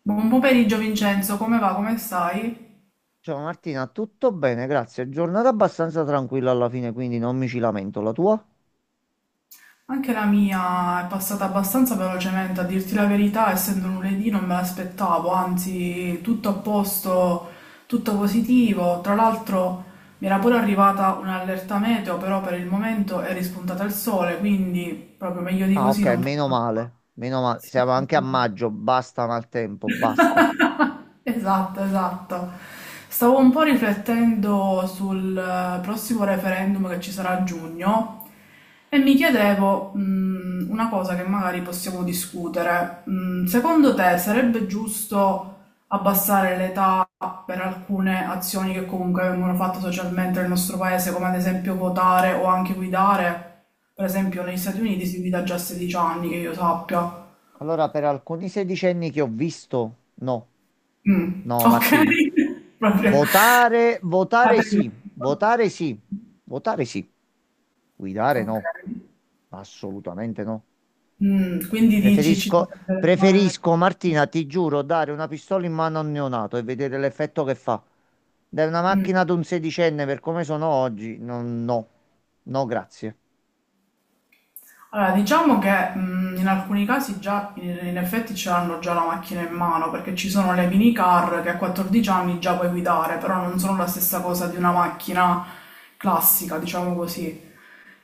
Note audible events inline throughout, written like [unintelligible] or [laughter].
Buon pomeriggio Vincenzo, come va? Come stai? Ciao Martina, tutto bene, grazie. Giornata abbastanza tranquilla alla fine, quindi non mi ci lamento. La tua? Anche la mia è passata abbastanza velocemente, a dirti la verità, essendo lunedì non me l'aspettavo, anzi tutto a posto, tutto positivo. Tra l'altro mi era pure arrivata un'allerta meteo, però per il momento è rispuntata il sole, quindi proprio meglio di Ah, così ok, non posso meno fare. male. Meno male. Sì, Siamo sì, anche a sì. maggio, basta maltempo, basta. [laughs] Esatto, esatto. Stavo un po' riflettendo sul prossimo referendum che ci sarà a giugno e mi chiedevo, una cosa che magari possiamo discutere. Secondo te sarebbe giusto abbassare l'età per alcune azioni che comunque vengono fatte socialmente nel nostro paese, come ad esempio votare o anche guidare? Per esempio negli Stati Uniti si guida già a 16 anni, che io sappia. Allora, per alcuni sedicenni che ho visto, no, Mh, no, Martina. okay, [laughs] proprio Votare, votare state in sì, [unintelligible] votare sì, votare sì. Guidare no, okay. assolutamente no. Quindi dici ci Preferisco, sarebbe da fare preferisco, Martina, ti giuro, dare una pistola in mano a un neonato e vedere l'effetto che fa. Dai una mh. macchina ad un sedicenne per come sono oggi, no, no, no, grazie. Allora diciamo che, in alcuni casi già in effetti ce l'hanno già la macchina in mano, perché ci sono le minicar che a 14 anni già puoi guidare, però non sono la stessa cosa di una macchina classica, diciamo così.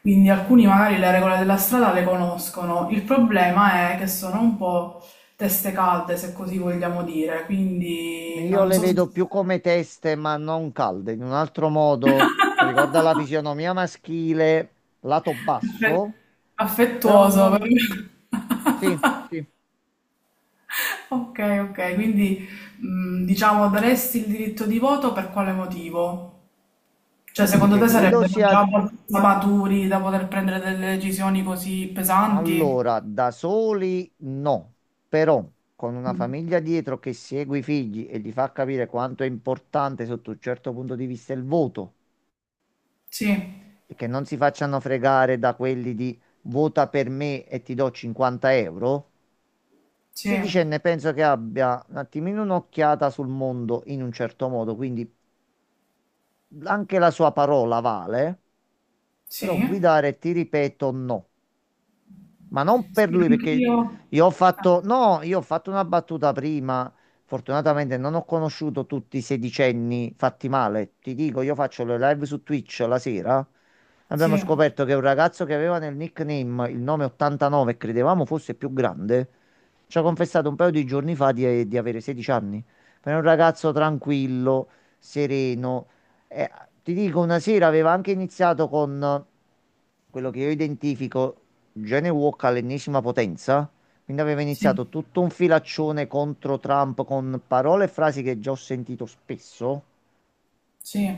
Quindi alcuni magari le regole della strada le conoscono, il problema è che sono un po' teste calde, se così vogliamo dire, quindi Io non le so se... vedo più come teste, ma non calde, in un altro modo [laughs] che ricorda la fisionomia maschile, lato basso, però affettuoso, non... [laughs] Sì, sì, Ok, ok, quindi diciamo daresti il diritto di voto per quale motivo? Cioè, secondo perché te credo sarebbero già sia... abbastanza maturi da poter prendere delle decisioni così pesanti? Allora, da soli no, però con una Mm. famiglia dietro che segue i figli e gli fa capire quanto è importante sotto un certo punto di vista il voto Sì, e che non si facciano fregare da quelli di vota per me e ti do 50 euro, sì, sedicenne penso che abbia un attimino un'occhiata sul mondo in un certo modo, quindi anche la sua parola vale, però sì, guidare ti ripeto no. Ma non per sì, lui perché anch'io. io ho Eh, fatto, no, io ho fatto una battuta prima. Fortunatamente non ho conosciuto tutti i sedicenni fatti male. Ti dico, io faccio le live su Twitch la sera. Abbiamo Sì. scoperto che un ragazzo che aveva nel nickname il nome 89 e credevamo fosse più grande, ci ha confessato un paio di giorni fa di avere 16 anni. Ma è un ragazzo tranquillo, sereno. Eh, Ti dico, una sera aveva anche iniziato con quello che io identifico. Genny Walk all'ennesima potenza. Quindi aveva Sì, iniziato tutto un filaccione contro Trump con parole e frasi che già ho sentito spesso. sì,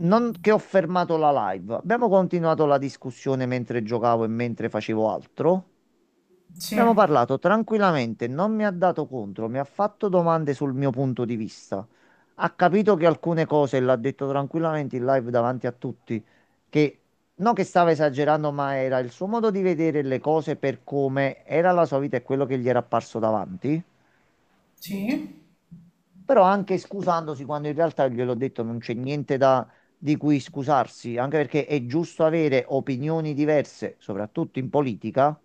Non che ho fermato la live. Abbiamo continuato la discussione mentre giocavo e mentre facevo altro. sì, Abbiamo parlato tranquillamente, non mi ha dato contro, mi ha fatto domande sul mio punto di vista. Ha capito che alcune cose, l'ha detto tranquillamente in live davanti a tutti, che non che stava esagerando, ma era il suo modo di vedere le cose per come era la sua vita e quello che gli era apparso davanti. sì, Però anche scusandosi quando in realtà gliel'ho detto non c'è niente da, di cui scusarsi, anche perché è giusto avere opinioni diverse, soprattutto in politica.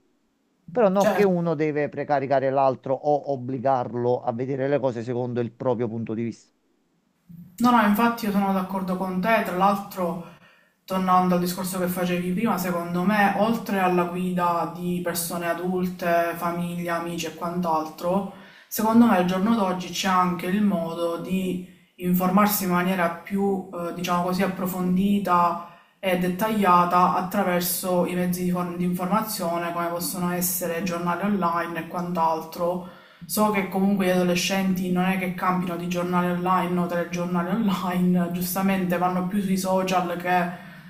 Però non che certo. uno deve precaricare l'altro o obbligarlo a vedere le cose secondo il proprio punto di vista. No, no, infatti io sono d'accordo con te, tra l'altro tornando al discorso che facevi prima, secondo me, oltre alla guida di persone adulte, famiglia, amici e quant'altro, secondo me al giorno d'oggi c'è anche il modo di informarsi in maniera più, diciamo così, approfondita e dettagliata attraverso i mezzi di, di informazione, come possono essere giornali online e quant'altro. So che comunque gli adolescenti non è che campino di giornali online o telegiornali online, giustamente vanno più sui social che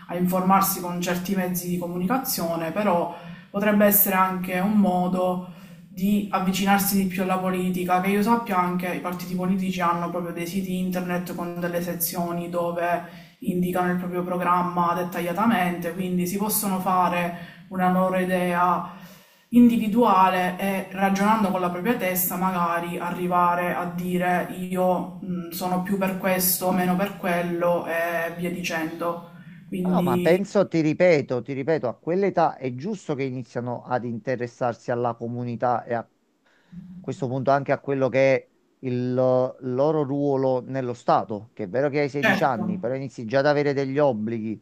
a informarsi con certi mezzi di comunicazione, però potrebbe essere anche un modo di avvicinarsi di più alla politica, che io sappia anche i partiti politici hanno proprio dei siti internet con delle sezioni dove indicano il proprio programma dettagliatamente, quindi si possono fare una loro idea individuale e ragionando con la propria testa magari arrivare a dire io sono più per questo, meno per quello e via dicendo. No, ma Quindi, penso, ti ripeto, a quell'età è giusto che iniziano ad interessarsi alla comunità e a questo punto anche a quello che è il loro ruolo nello Stato, che è vero che hai 16 certo, anni, però inizi già ad avere degli obblighi,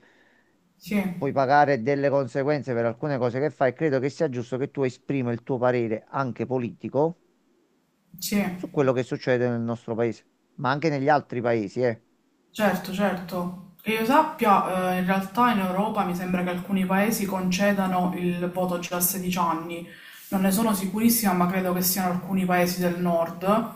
sì, puoi pagare delle conseguenze per alcune cose che fai, credo che sia giusto che tu esprima il tuo parere anche politico sì, su quello che succede nel nostro paese, ma anche negli altri paesi, eh. certo, certo. Che io sappia, in realtà in Europa mi sembra che alcuni paesi concedano il voto già a 16 anni. Non ne sono sicurissima, ma credo che siano alcuni paesi del nord.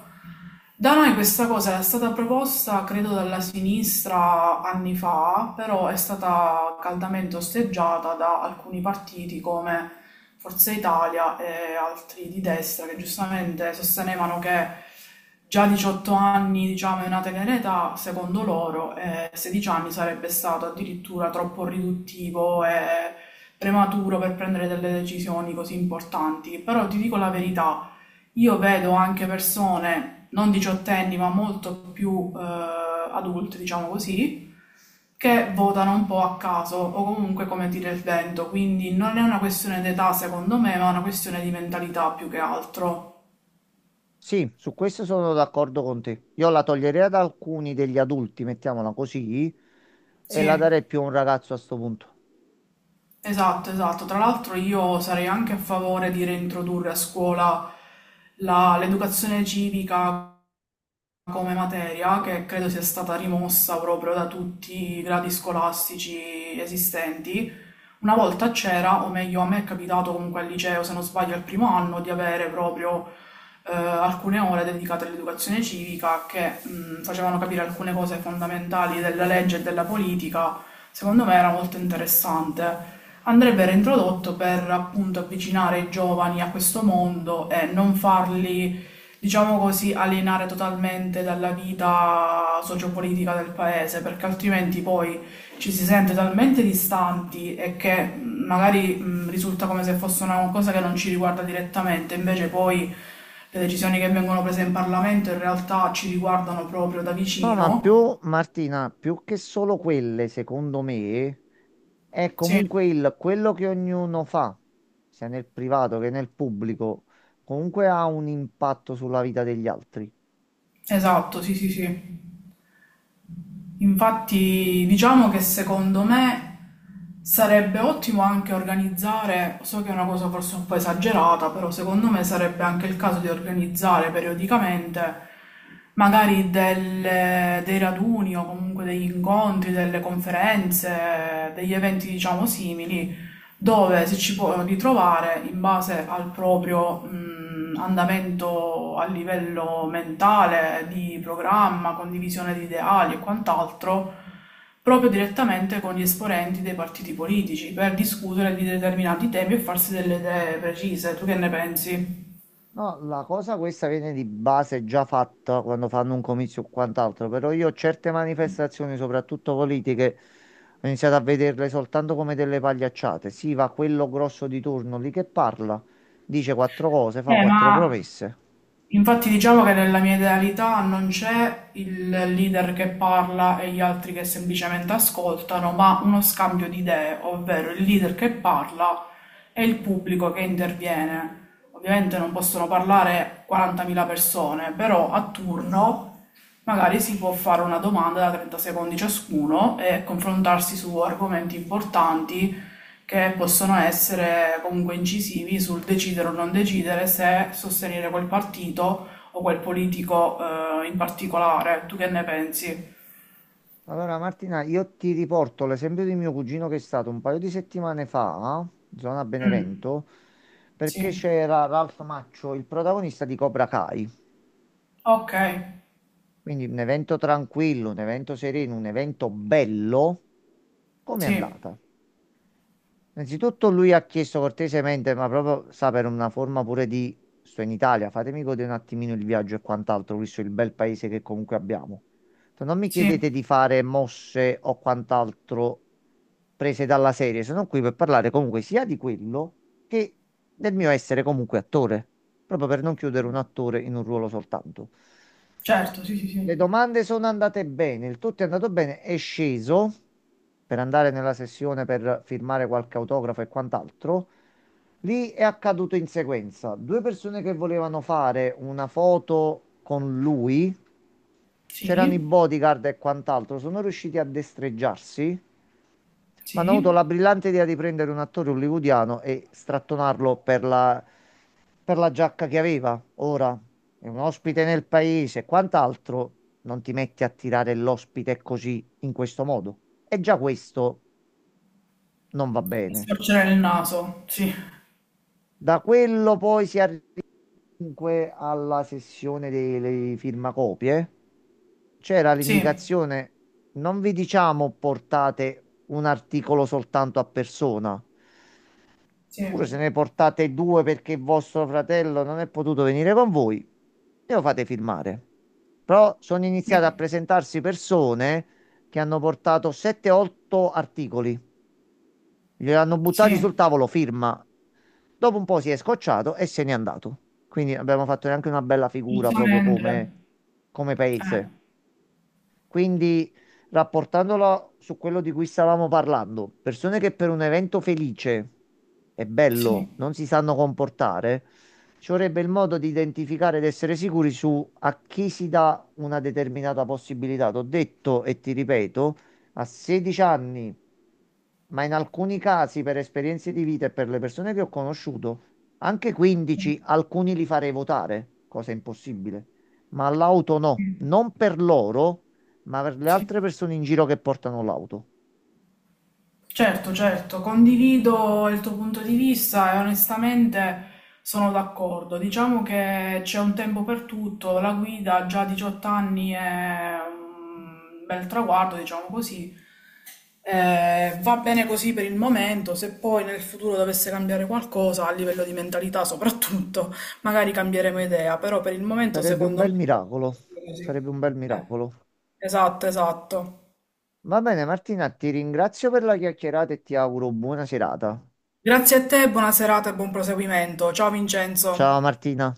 Da noi questa cosa è stata proposta, credo, dalla sinistra anni fa, però è stata caldamente osteggiata da alcuni partiti come Forza Italia e altri di destra che giustamente sostenevano che già 18 anni, diciamo, è una tenera età, secondo loro, e 16 anni sarebbe stato addirittura troppo riduttivo e prematuro per prendere delle decisioni così importanti. Però ti dico la verità. Io vedo anche persone, non diciottenni, ma molto più adulte, diciamo così, che votano un po' a caso o comunque come tira il vento, quindi non è una questione d'età secondo me, ma è una questione di mentalità più che altro. Sì, su questo sono d'accordo con te. Io la toglierei ad alcuni degli adulti, mettiamola così, e Sì, la darei più a un ragazzo a sto punto. esatto, esatto. Tra l'altro io sarei anche a favore di reintrodurre a scuola l'educazione civica come materia, che credo sia stata rimossa proprio da tutti i gradi scolastici esistenti. Una volta c'era, o meglio a me è capitato comunque al liceo, se non sbaglio al primo anno, di avere proprio alcune ore dedicate all'educazione civica che facevano capire alcune cose fondamentali della legge e della politica. Secondo me era molto interessante. Andrebbe reintrodotto per appunto avvicinare i giovani a questo mondo e non farli, diciamo così, alienare totalmente dalla vita sociopolitica del paese, perché altrimenti poi ci si sente talmente distanti e che magari risulta come se fosse una cosa che non ci riguarda direttamente, invece poi le decisioni che vengono prese in Parlamento in realtà ci riguardano proprio da No, ma vicino. più, Martina, più che solo quelle, secondo me, è Sì, comunque il quello che ognuno fa, sia nel privato che nel pubblico, comunque ha un impatto sulla vita degli altri. esatto, sì, sì, sì. Infatti, diciamo che secondo me sarebbe ottimo anche organizzare, so che è una cosa forse un po' esagerata, però secondo me sarebbe anche il caso di organizzare periodicamente magari dei raduni o comunque degli incontri, delle conferenze, degli eventi diciamo simili dove si ci può ritrovare in base al proprio andamento a livello mentale, di programma, condivisione di ideali e quant'altro, proprio direttamente con gli esponenti dei partiti politici per discutere di determinati temi e farsi delle idee precise. Tu che ne pensi? No, la cosa questa viene di base già fatta quando fanno un comizio o quant'altro, però io certe manifestazioni, soprattutto politiche, ho iniziato a vederle soltanto come delle pagliacciate. Sì, va quello grosso di turno lì che parla, dice quattro cose, fa Eh, ma quattro promesse. Infatti diciamo che nella mia idealità non c'è il leader che parla e gli altri che semplicemente ascoltano, ma uno scambio di idee, ovvero il leader che parla e il pubblico che interviene. Ovviamente non possono parlare 40.000 persone, però a turno magari si può fare una domanda da 30 secondi ciascuno e confrontarsi su argomenti importanti che possono essere comunque incisivi sul decidere o non decidere se sostenere quel partito o quel politico in particolare. Tu che ne pensi? Allora Martina, io ti riporto l'esempio di mio cugino che è stato un paio di settimane fa, in zona Mm, Benevento, perché sì, c'era Ralph Maccio, il protagonista di Cobra Kai. ok, Quindi un evento tranquillo, un evento sereno, un evento bello. Com'è sì, andata? Innanzitutto lui ha chiesto cortesemente, ma proprio sa per una forma pure di sto in Italia, fatemi godere un attimino il viaggio e quant'altro, visto il bel paese che comunque abbiamo. Detto, non mi sì, chiedete di fare mosse o quant'altro prese dalla serie, sono qui per parlare comunque sia di quello che del mio essere comunque attore, proprio per non chiudere un attore in un ruolo soltanto. certo, sì, sì, Le sì, domande sono andate bene, il tutto è andato bene, è sceso per andare nella sessione per firmare qualche autografo e quant'altro. Lì è accaduto in sequenza. Due persone che volevano fare una foto con lui, c'erano i sì, bodyguard e quant'altro, sono riusciti a destreggiarsi, ma hanno avuto sì. la brillante idea di prendere un attore hollywoodiano e strattonarlo per la giacca che aveva. Ora è un ospite nel paese, e quant'altro. Non ti metti a tirare l'ospite così, in questo modo. E già questo non va Mi bene. storcere il naso, sì, Da quello poi si arriva comunque alla sessione delle firmacopie. C'era sì, l'indicazione, non vi diciamo portate un articolo soltanto a persona. sì, Pure se ne portate due perché vostro fratello non è potuto venire con voi, e lo fate firmare. Però sono iniziate a presentarsi persone che hanno portato 7-8 articoli, gliel'hanno sì, buttati sul sì, tavolo, firma. Dopo un po' si è scocciato e se n'è andato. Quindi abbiamo fatto neanche una bella figura proprio giustamente, come, come eh, paese. Quindi, rapportandolo su quello di cui stavamo parlando, persone che per un evento felice e sì, bello non si sanno comportare, ci vorrebbe il modo di identificare ed essere sicuri su a chi si dà una determinata possibilità. T'ho detto e ti ripeto, a 16 anni, ma in alcuni casi per esperienze di vita e per le persone che ho conosciuto, anche sì, 15, alcuni li farei votare, cosa impossibile ma all'auto no, sì. non per loro, ma per le altre Sì. persone in giro che portano l'auto. Certo, certo, condivido il tuo punto di vista e onestamente sono d'accordo. Diciamo che c'è un tempo per tutto, la guida già a 18 anni è un bel traguardo, diciamo così. Va bene così per il momento, se poi nel futuro dovesse cambiare qualcosa a livello di mentalità soprattutto, [laughs] magari cambieremo idea, però per il momento Sarebbe un secondo me bel miracolo. è così. Sarebbe un bel Eh, miracolo. esatto, esatto. Va bene, Martina, ti ringrazio per la chiacchierata e ti auguro buona serata. Grazie a te, buona serata e buon proseguimento. Ciao Ciao Vincenzo. Martina.